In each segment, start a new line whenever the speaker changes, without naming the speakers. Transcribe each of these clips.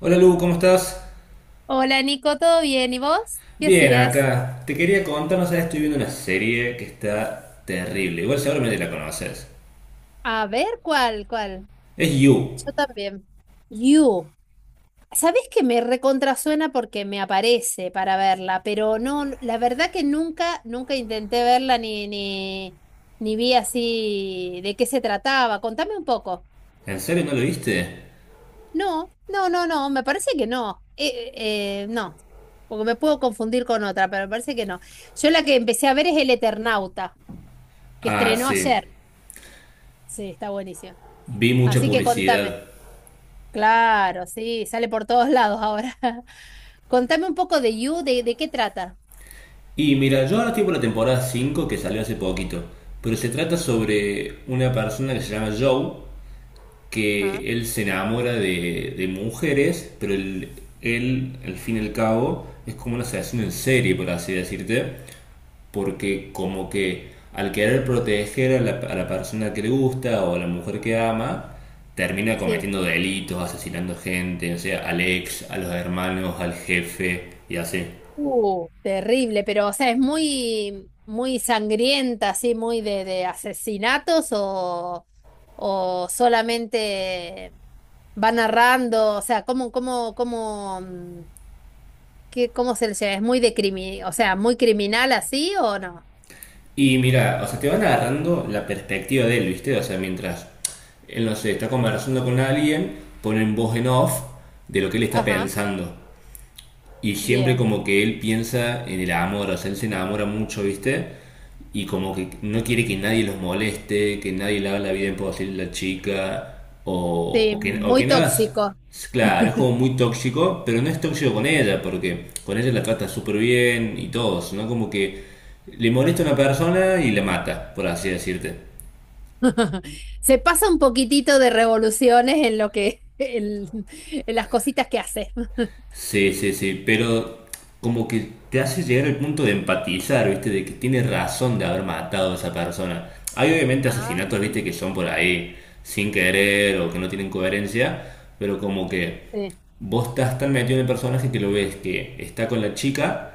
Hola Lu, ¿cómo estás?
Hola Nico, ¿todo bien? ¿Y vos? ¿Qué
Bien,
hacías?
acá. Te quería contar, no sabes, estoy viendo una serie que está terrible. Igual seguramente la conoces.
A ver, ¿cuál? ¿Cuál?
Es You.
Yo también. You. ¿Sabés que me recontrasuena porque me aparece para verla? Pero no, la verdad que nunca intenté verla ni vi así de qué se trataba. Contame un poco.
¿En serio no lo viste?
No, no, no, no, me parece que no. No, porque me puedo confundir con otra, pero me parece que no. Yo la que empecé a ver es El Eternauta, que
Ah,
estrenó
sí.
ayer. Sí, está buenísima.
Vi mucha
Así que
publicidad.
contame. Claro, sí, sale por todos lados ahora. Contame un poco de You, de qué trata.
Y mira, yo ahora estoy por la temporada 5 que salió hace poquito. Pero se trata sobre una persona que se llama Joe,
Ajá.
que él se enamora de mujeres, pero él, al fin y al cabo, es como un asesino en serie, por así decirte. Porque como que al querer proteger a la persona que le gusta o a la mujer que ama, termina
Sí.
cometiendo delitos, asesinando gente, o sea, al ex, a los hermanos, al jefe y así.
Terrible, pero o sea, es muy, muy sangrienta, así, muy de asesinatos o solamente va narrando, o sea, cómo se le llama, es muy de crimi, o sea, muy criminal así o no.
Y mira, o sea, te van agarrando la perspectiva de él, ¿viste? O sea, mientras él, no sé, está conversando con alguien, ponen voz en
Sí.
off de lo que él está
Ajá,
pensando. Y siempre
bien.
como que él piensa en el amor, o sea, él se enamora mucho, ¿viste? Y como que no quiere que nadie los moleste, que nadie le haga la vida imposible a la chica, o,
Sí,
o que, o que
muy
nada.
tóxico.
Claro, es como muy tóxico, pero no es tóxico con ella, porque con ella la trata súper bien y todo, ¿no? Como que le molesta a una persona y la mata, por así decirte.
Se pasa un poquitito de revoluciones en lo en las cositas que hace.
Sí, sí, sí, pero como que te hace llegar al punto de empatizar, ¿viste? De que tiene razón de haber matado a esa persona. Hay obviamente
Ah,
asesinatos, ¿viste? Que son por ahí sin querer o que no tienen coherencia, pero como que
sí.
vos estás tan metido en el personaje que lo ves que está con la chica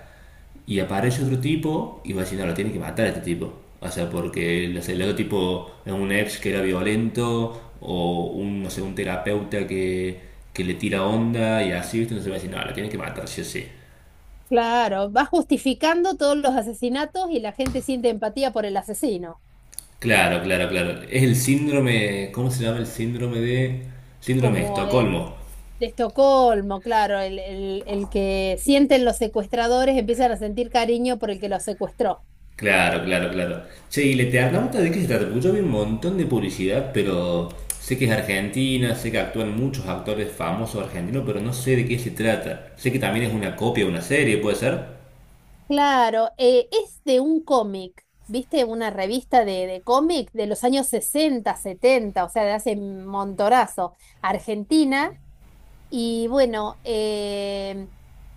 y aparece otro tipo y va a decir, no, lo tiene que matar a este tipo. O sea, porque no el otro tipo es un ex que era violento o un, no sé, un terapeuta que le tira onda y así, ¿viste? Entonces va a decir, no, lo tiene que matar, sí o sí.
Claro, va justificando todos los asesinatos y la gente siente empatía por el asesino,
Claro, claro, claro. Es el síndrome, ¿cómo se llama el síndrome de... Síndrome de
como el
Estocolmo.
de Estocolmo, claro, el que sienten los secuestradores empiezan a sentir cariño por el que los secuestró.
Claro, claro, claro. Che, y le Lete Arnauta, ¿de qué se trata? Porque yo vi un montón de publicidad, pero sé que es argentina, sé que actúan muchos actores famosos argentinos, pero no sé de qué se trata. Sé que también es una copia de una serie, ¿puede ser?
Claro, es de un cómic, ¿viste? Una revista de cómic de los años 60 70, o sea, de hace montorazo, Argentina. Y bueno,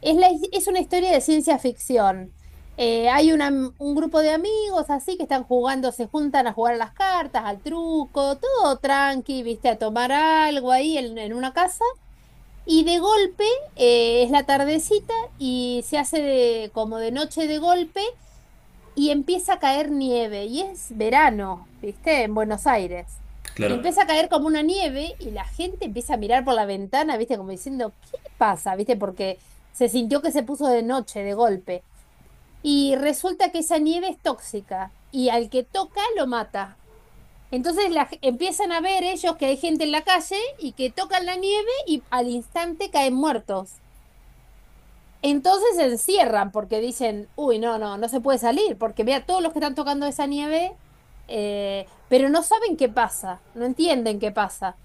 es, es una historia de ciencia ficción. Eh, hay una- un grupo de amigos así que están jugando, se juntan a jugar a las cartas, al truco, todo tranqui, ¿viste? A tomar algo ahí en una casa. Y de golpe, es la tardecita y como de noche de golpe y empieza a caer nieve, y es verano, ¿viste? En Buenos Aires. Y
Claro,
empieza a caer como una nieve y la gente empieza a mirar por la ventana, ¿viste? Como diciendo, ¿qué pasa? ¿Viste? Porque se sintió que se puso de noche, de golpe. Y resulta que esa nieve es tóxica y al que toca lo mata. Entonces empiezan a ver ellos que hay gente en la calle y que tocan la nieve y al instante caen muertos. Entonces se encierran porque dicen, uy, no, no, no se puede salir, porque vea todos los que están tocando esa nieve, pero no saben qué pasa, no entienden qué pasa.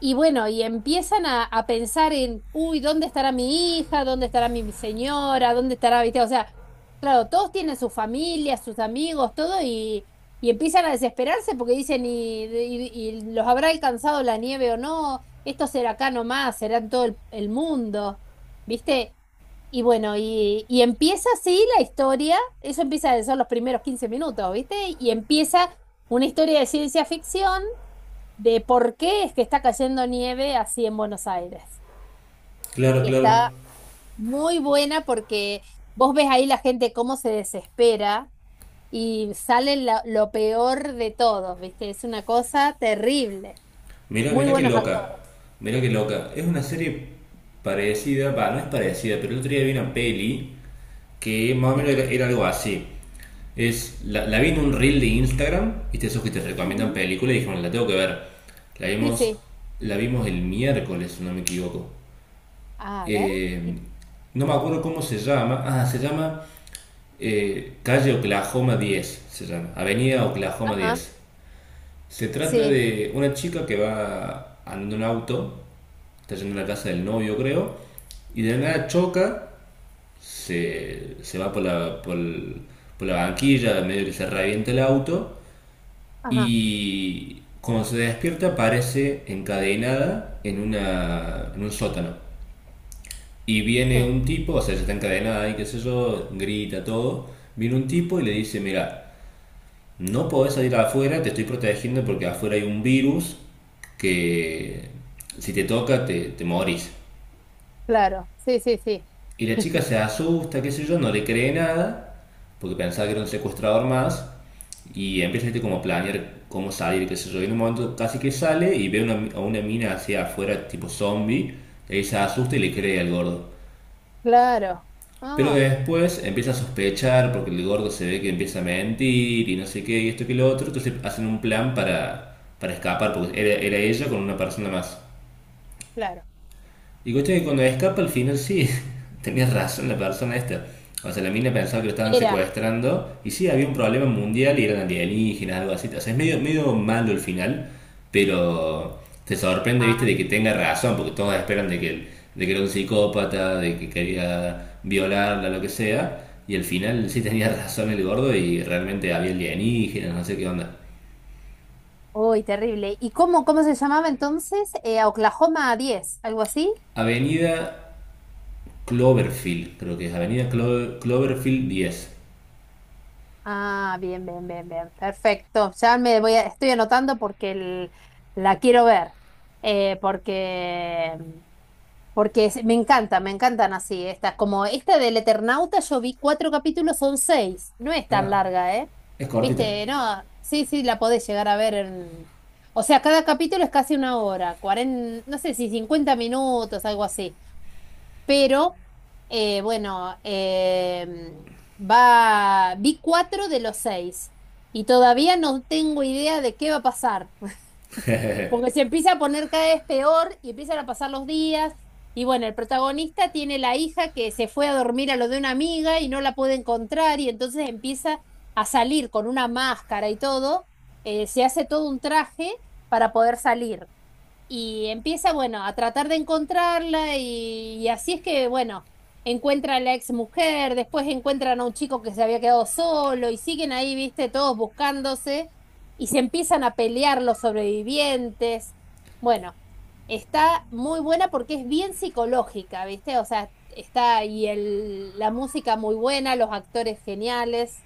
Y bueno, y empiezan a pensar en, uy, ¿dónde estará mi hija? ¿Dónde estará mi señora? ¿Dónde estará, viste? O sea, claro, todos tienen su familia, sus amigos, todo, y empiezan a desesperarse porque dicen, ¿y los habrá alcanzado la nieve o no? ¿Esto será acá nomás, será en todo el mundo, ¿viste? Y bueno, y empieza así la historia, eso empieza a ser los primeros 15 minutos, ¿viste? Y empieza una historia de ciencia ficción de por qué es que está cayendo nieve así en Buenos Aires.
claro,
Y
claro.
está muy buena porque vos ves ahí la gente cómo se desespera y lo peor de todos, ¿viste? Es una cosa terrible.
Mira,
Muy
mira qué
buenos
loca.
actores,
Mira qué loca. Es una serie parecida, va, no es parecida, pero el otro día vi una peli que más o menos
sí.
era, era algo así. Es, la vi en un reel de Instagram, viste esos que te recomiendan
Ujú.
películas y dijeron, la tengo que ver. La
Sí,
vimos,
sí.
la vimos el miércoles, si no me equivoco.
A ver.
Eh,
y-
no me acuerdo cómo se llama. Ah, se llama Calle Oklahoma 10 se llama. Avenida Oklahoma
Ajá.
diez Se trata
Sí.
de una chica que va andando en un auto, está yendo a la casa del novio, creo, y de la nada choca, se va por la, por la banquilla, medio que se revienta el auto.
Ajá.
Y cuando se despierta aparece encadenada en, una, en un sótano. Y viene
Sí.
un tipo, o sea, ya está encadenada y qué sé yo, grita todo. Viene un tipo y le dice, mira, no podés salir afuera, te estoy protegiendo porque afuera hay un virus que si te toca te morís.
Claro. Sí, sí, sí.
Y la chica se asusta, qué sé yo, no le cree nada, porque pensaba que era un secuestrador más, y empieza este, como a planear cómo salir, qué sé yo. Y en un momento casi que sale y ve una- a una mina hacia afuera, tipo zombie, y ahí se asusta y le cree al gordo.
Claro.
Pero
Ah,
después empieza a sospechar porque el gordo se ve que empieza a mentir y no sé qué, y esto que lo otro, entonces hacen un plan para escapar, porque era ella con una persona más.
claro.
Y coche que cuando escapa al final sí, tenía razón la persona esta. O sea, la mina pensaba que lo estaban
Era.
secuestrando y sí, había un problema mundial y eran alienígenas, algo así. O sea, es medio, medio malo el final, pero te sorprende, viste,
Ah,
de que tenga razón, porque todos esperan de que era un psicópata, de que quería violarla, lo que sea. Y al final sí tenía razón el gordo y realmente había alienígenas, no sé qué onda.
uy, terrible. ¿Y cómo, cómo se llamaba entonces? Oklahoma 10 algo así.
Avenida Cloverfield, creo que es Avenida Cloverfield 10.
Ah, bien, bien, bien, bien. Perfecto. Estoy anotando porque la quiero ver. Eh, porque porque me encanta, me encantan así estas. Como esta del Eternauta, yo vi cuatro capítulos, son seis. No es tan
Ah,
larga, ¿eh?
es cortita.
Viste, no, sí, sí, la podés llegar a ver en... O sea, cada capítulo es casi una hora, no sé si 50 minutos, algo así. Pero bueno, vi cuatro de los seis y todavía no tengo idea de qué va a pasar, porque se empieza a poner cada vez peor y empiezan a pasar los días. Y bueno, el protagonista tiene la hija que se fue a dormir a lo de una amiga y no la puede encontrar y entonces empieza a salir con una máscara y todo, se hace todo un traje para poder salir. Y empieza, bueno, a tratar de encontrarla y así es que, bueno, encuentra a la ex mujer, después encuentran a un chico que se había quedado solo y siguen ahí, viste, todos buscándose y se empiezan a pelear los sobrevivientes. Bueno, está muy buena porque es bien psicológica, viste, o sea, está y la música muy buena, los actores geniales.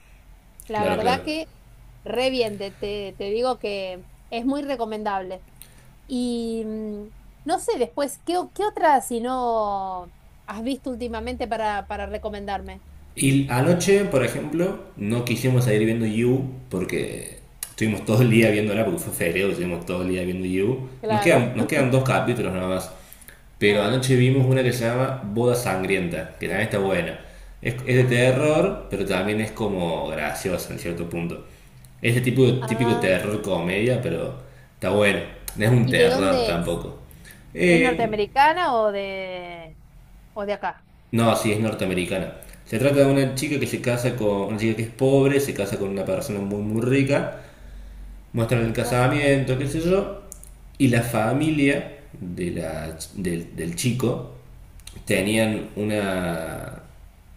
La
Claro, claro.
verdad que re bien, te digo que es muy recomendable. Y no sé después, ¿qué otra si no has visto últimamente para recomendarme?
Y anoche, por ejemplo, no quisimos seguir viendo You porque estuvimos todo el día viéndola, porque fue febrero, estuvimos todo el día viendo You. Nos quedan,
Claro.
nos quedan dos capítulos nada más. Pero
Ah,
anoche vimos una que se llama Boda Sangrienta, que también está buena. Es de
ah,
terror, pero también es como graciosa en cierto punto. Es de tipo, típico
ah.
terror comedia, pero está bueno. No es un
¿Y de
terror
dónde es?
tampoco.
¿Es
Eh,
norteamericana o de acá?
No, sí, es norteamericana. Se trata de una chica que se casa con una chica que es pobre, se casa con una persona muy muy rica, muestran el
Ajá,
casamiento, qué sé yo, y la familia de del chico
sí.
tenían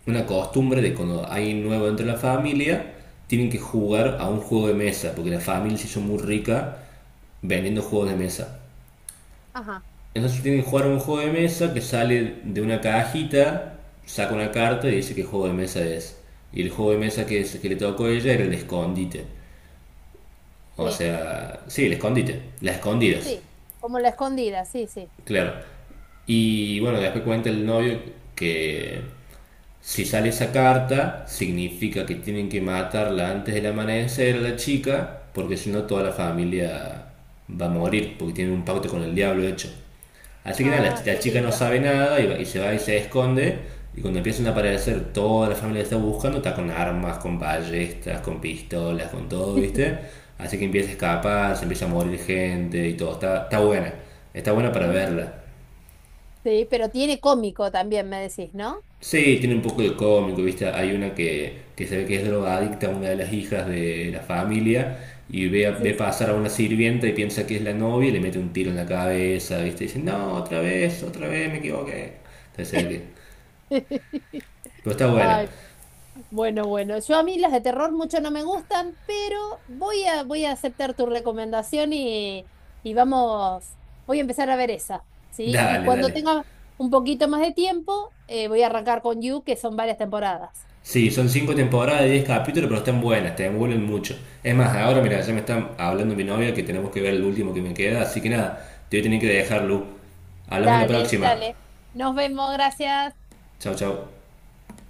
una costumbre de cuando hay un nuevo entre la familia, tienen que jugar a un juego de mesa, porque la familia se hizo muy rica vendiendo juegos de mesa.
Ajá,
Entonces tienen que jugar un juego de mesa que sale de una cajita, saca una carta y dice qué juego de mesa es. Y el juego de mesa que, es- que le tocó a ella era el escondite. O
sí,
sea, sí, el escondite, las escondidas,
sí. Como la escondida, sí, sí.
claro. Y bueno, después cuenta el novio que si sale esa carta, significa que tienen que matarla antes del amanecer a la chica, porque si no toda la familia va a morir, porque tiene un pacto con el diablo hecho. Así que nada, la,
Ah,
la
qué
chica no
lindo.
sabe nada y, y se va y se esconde. Y cuando empiezan a aparecer toda la familia que está buscando, está con armas, con ballestas, con pistolas, con todo, ¿viste? Así que empieza a escapar, se empieza a morir gente y todo. Está, está buena para
Mm,
verla.
sí, pero tiene cómico también, me decís, ¿no?
Sí, tiene un poco de cómico, ¿viste? Hay una que se ve que es drogadicta, una de las hijas de la familia, y ve,
Sí,
ve
sí.
pasar a una sirvienta y piensa que es la novia y le mete un tiro en la cabeza, ¿viste? Y dice, no, otra vez, me equivoqué. Entonces se ve que... Pero está buena.
Ay, bueno, bueno, bueno. Yo a mí las de terror mucho no me gustan, pero voy a aceptar tu recomendación y vamos, voy a empezar a ver esa, ¿sí? Y
Dale,
cuando
dale.
tenga un poquito más de tiempo, voy a arrancar con You, que son varias temporadas.
Sí, son cinco temporadas de 10 capítulos, pero están buenas, te envuelven mucho. Es más, ahora, mira, ya me está hablando mi novia que tenemos que ver el último que me queda, así que nada, te voy a tener que dejarlo. Hablamos la
Dale,
próxima.
dale. Nos vemos, gracias.
Chao, chao.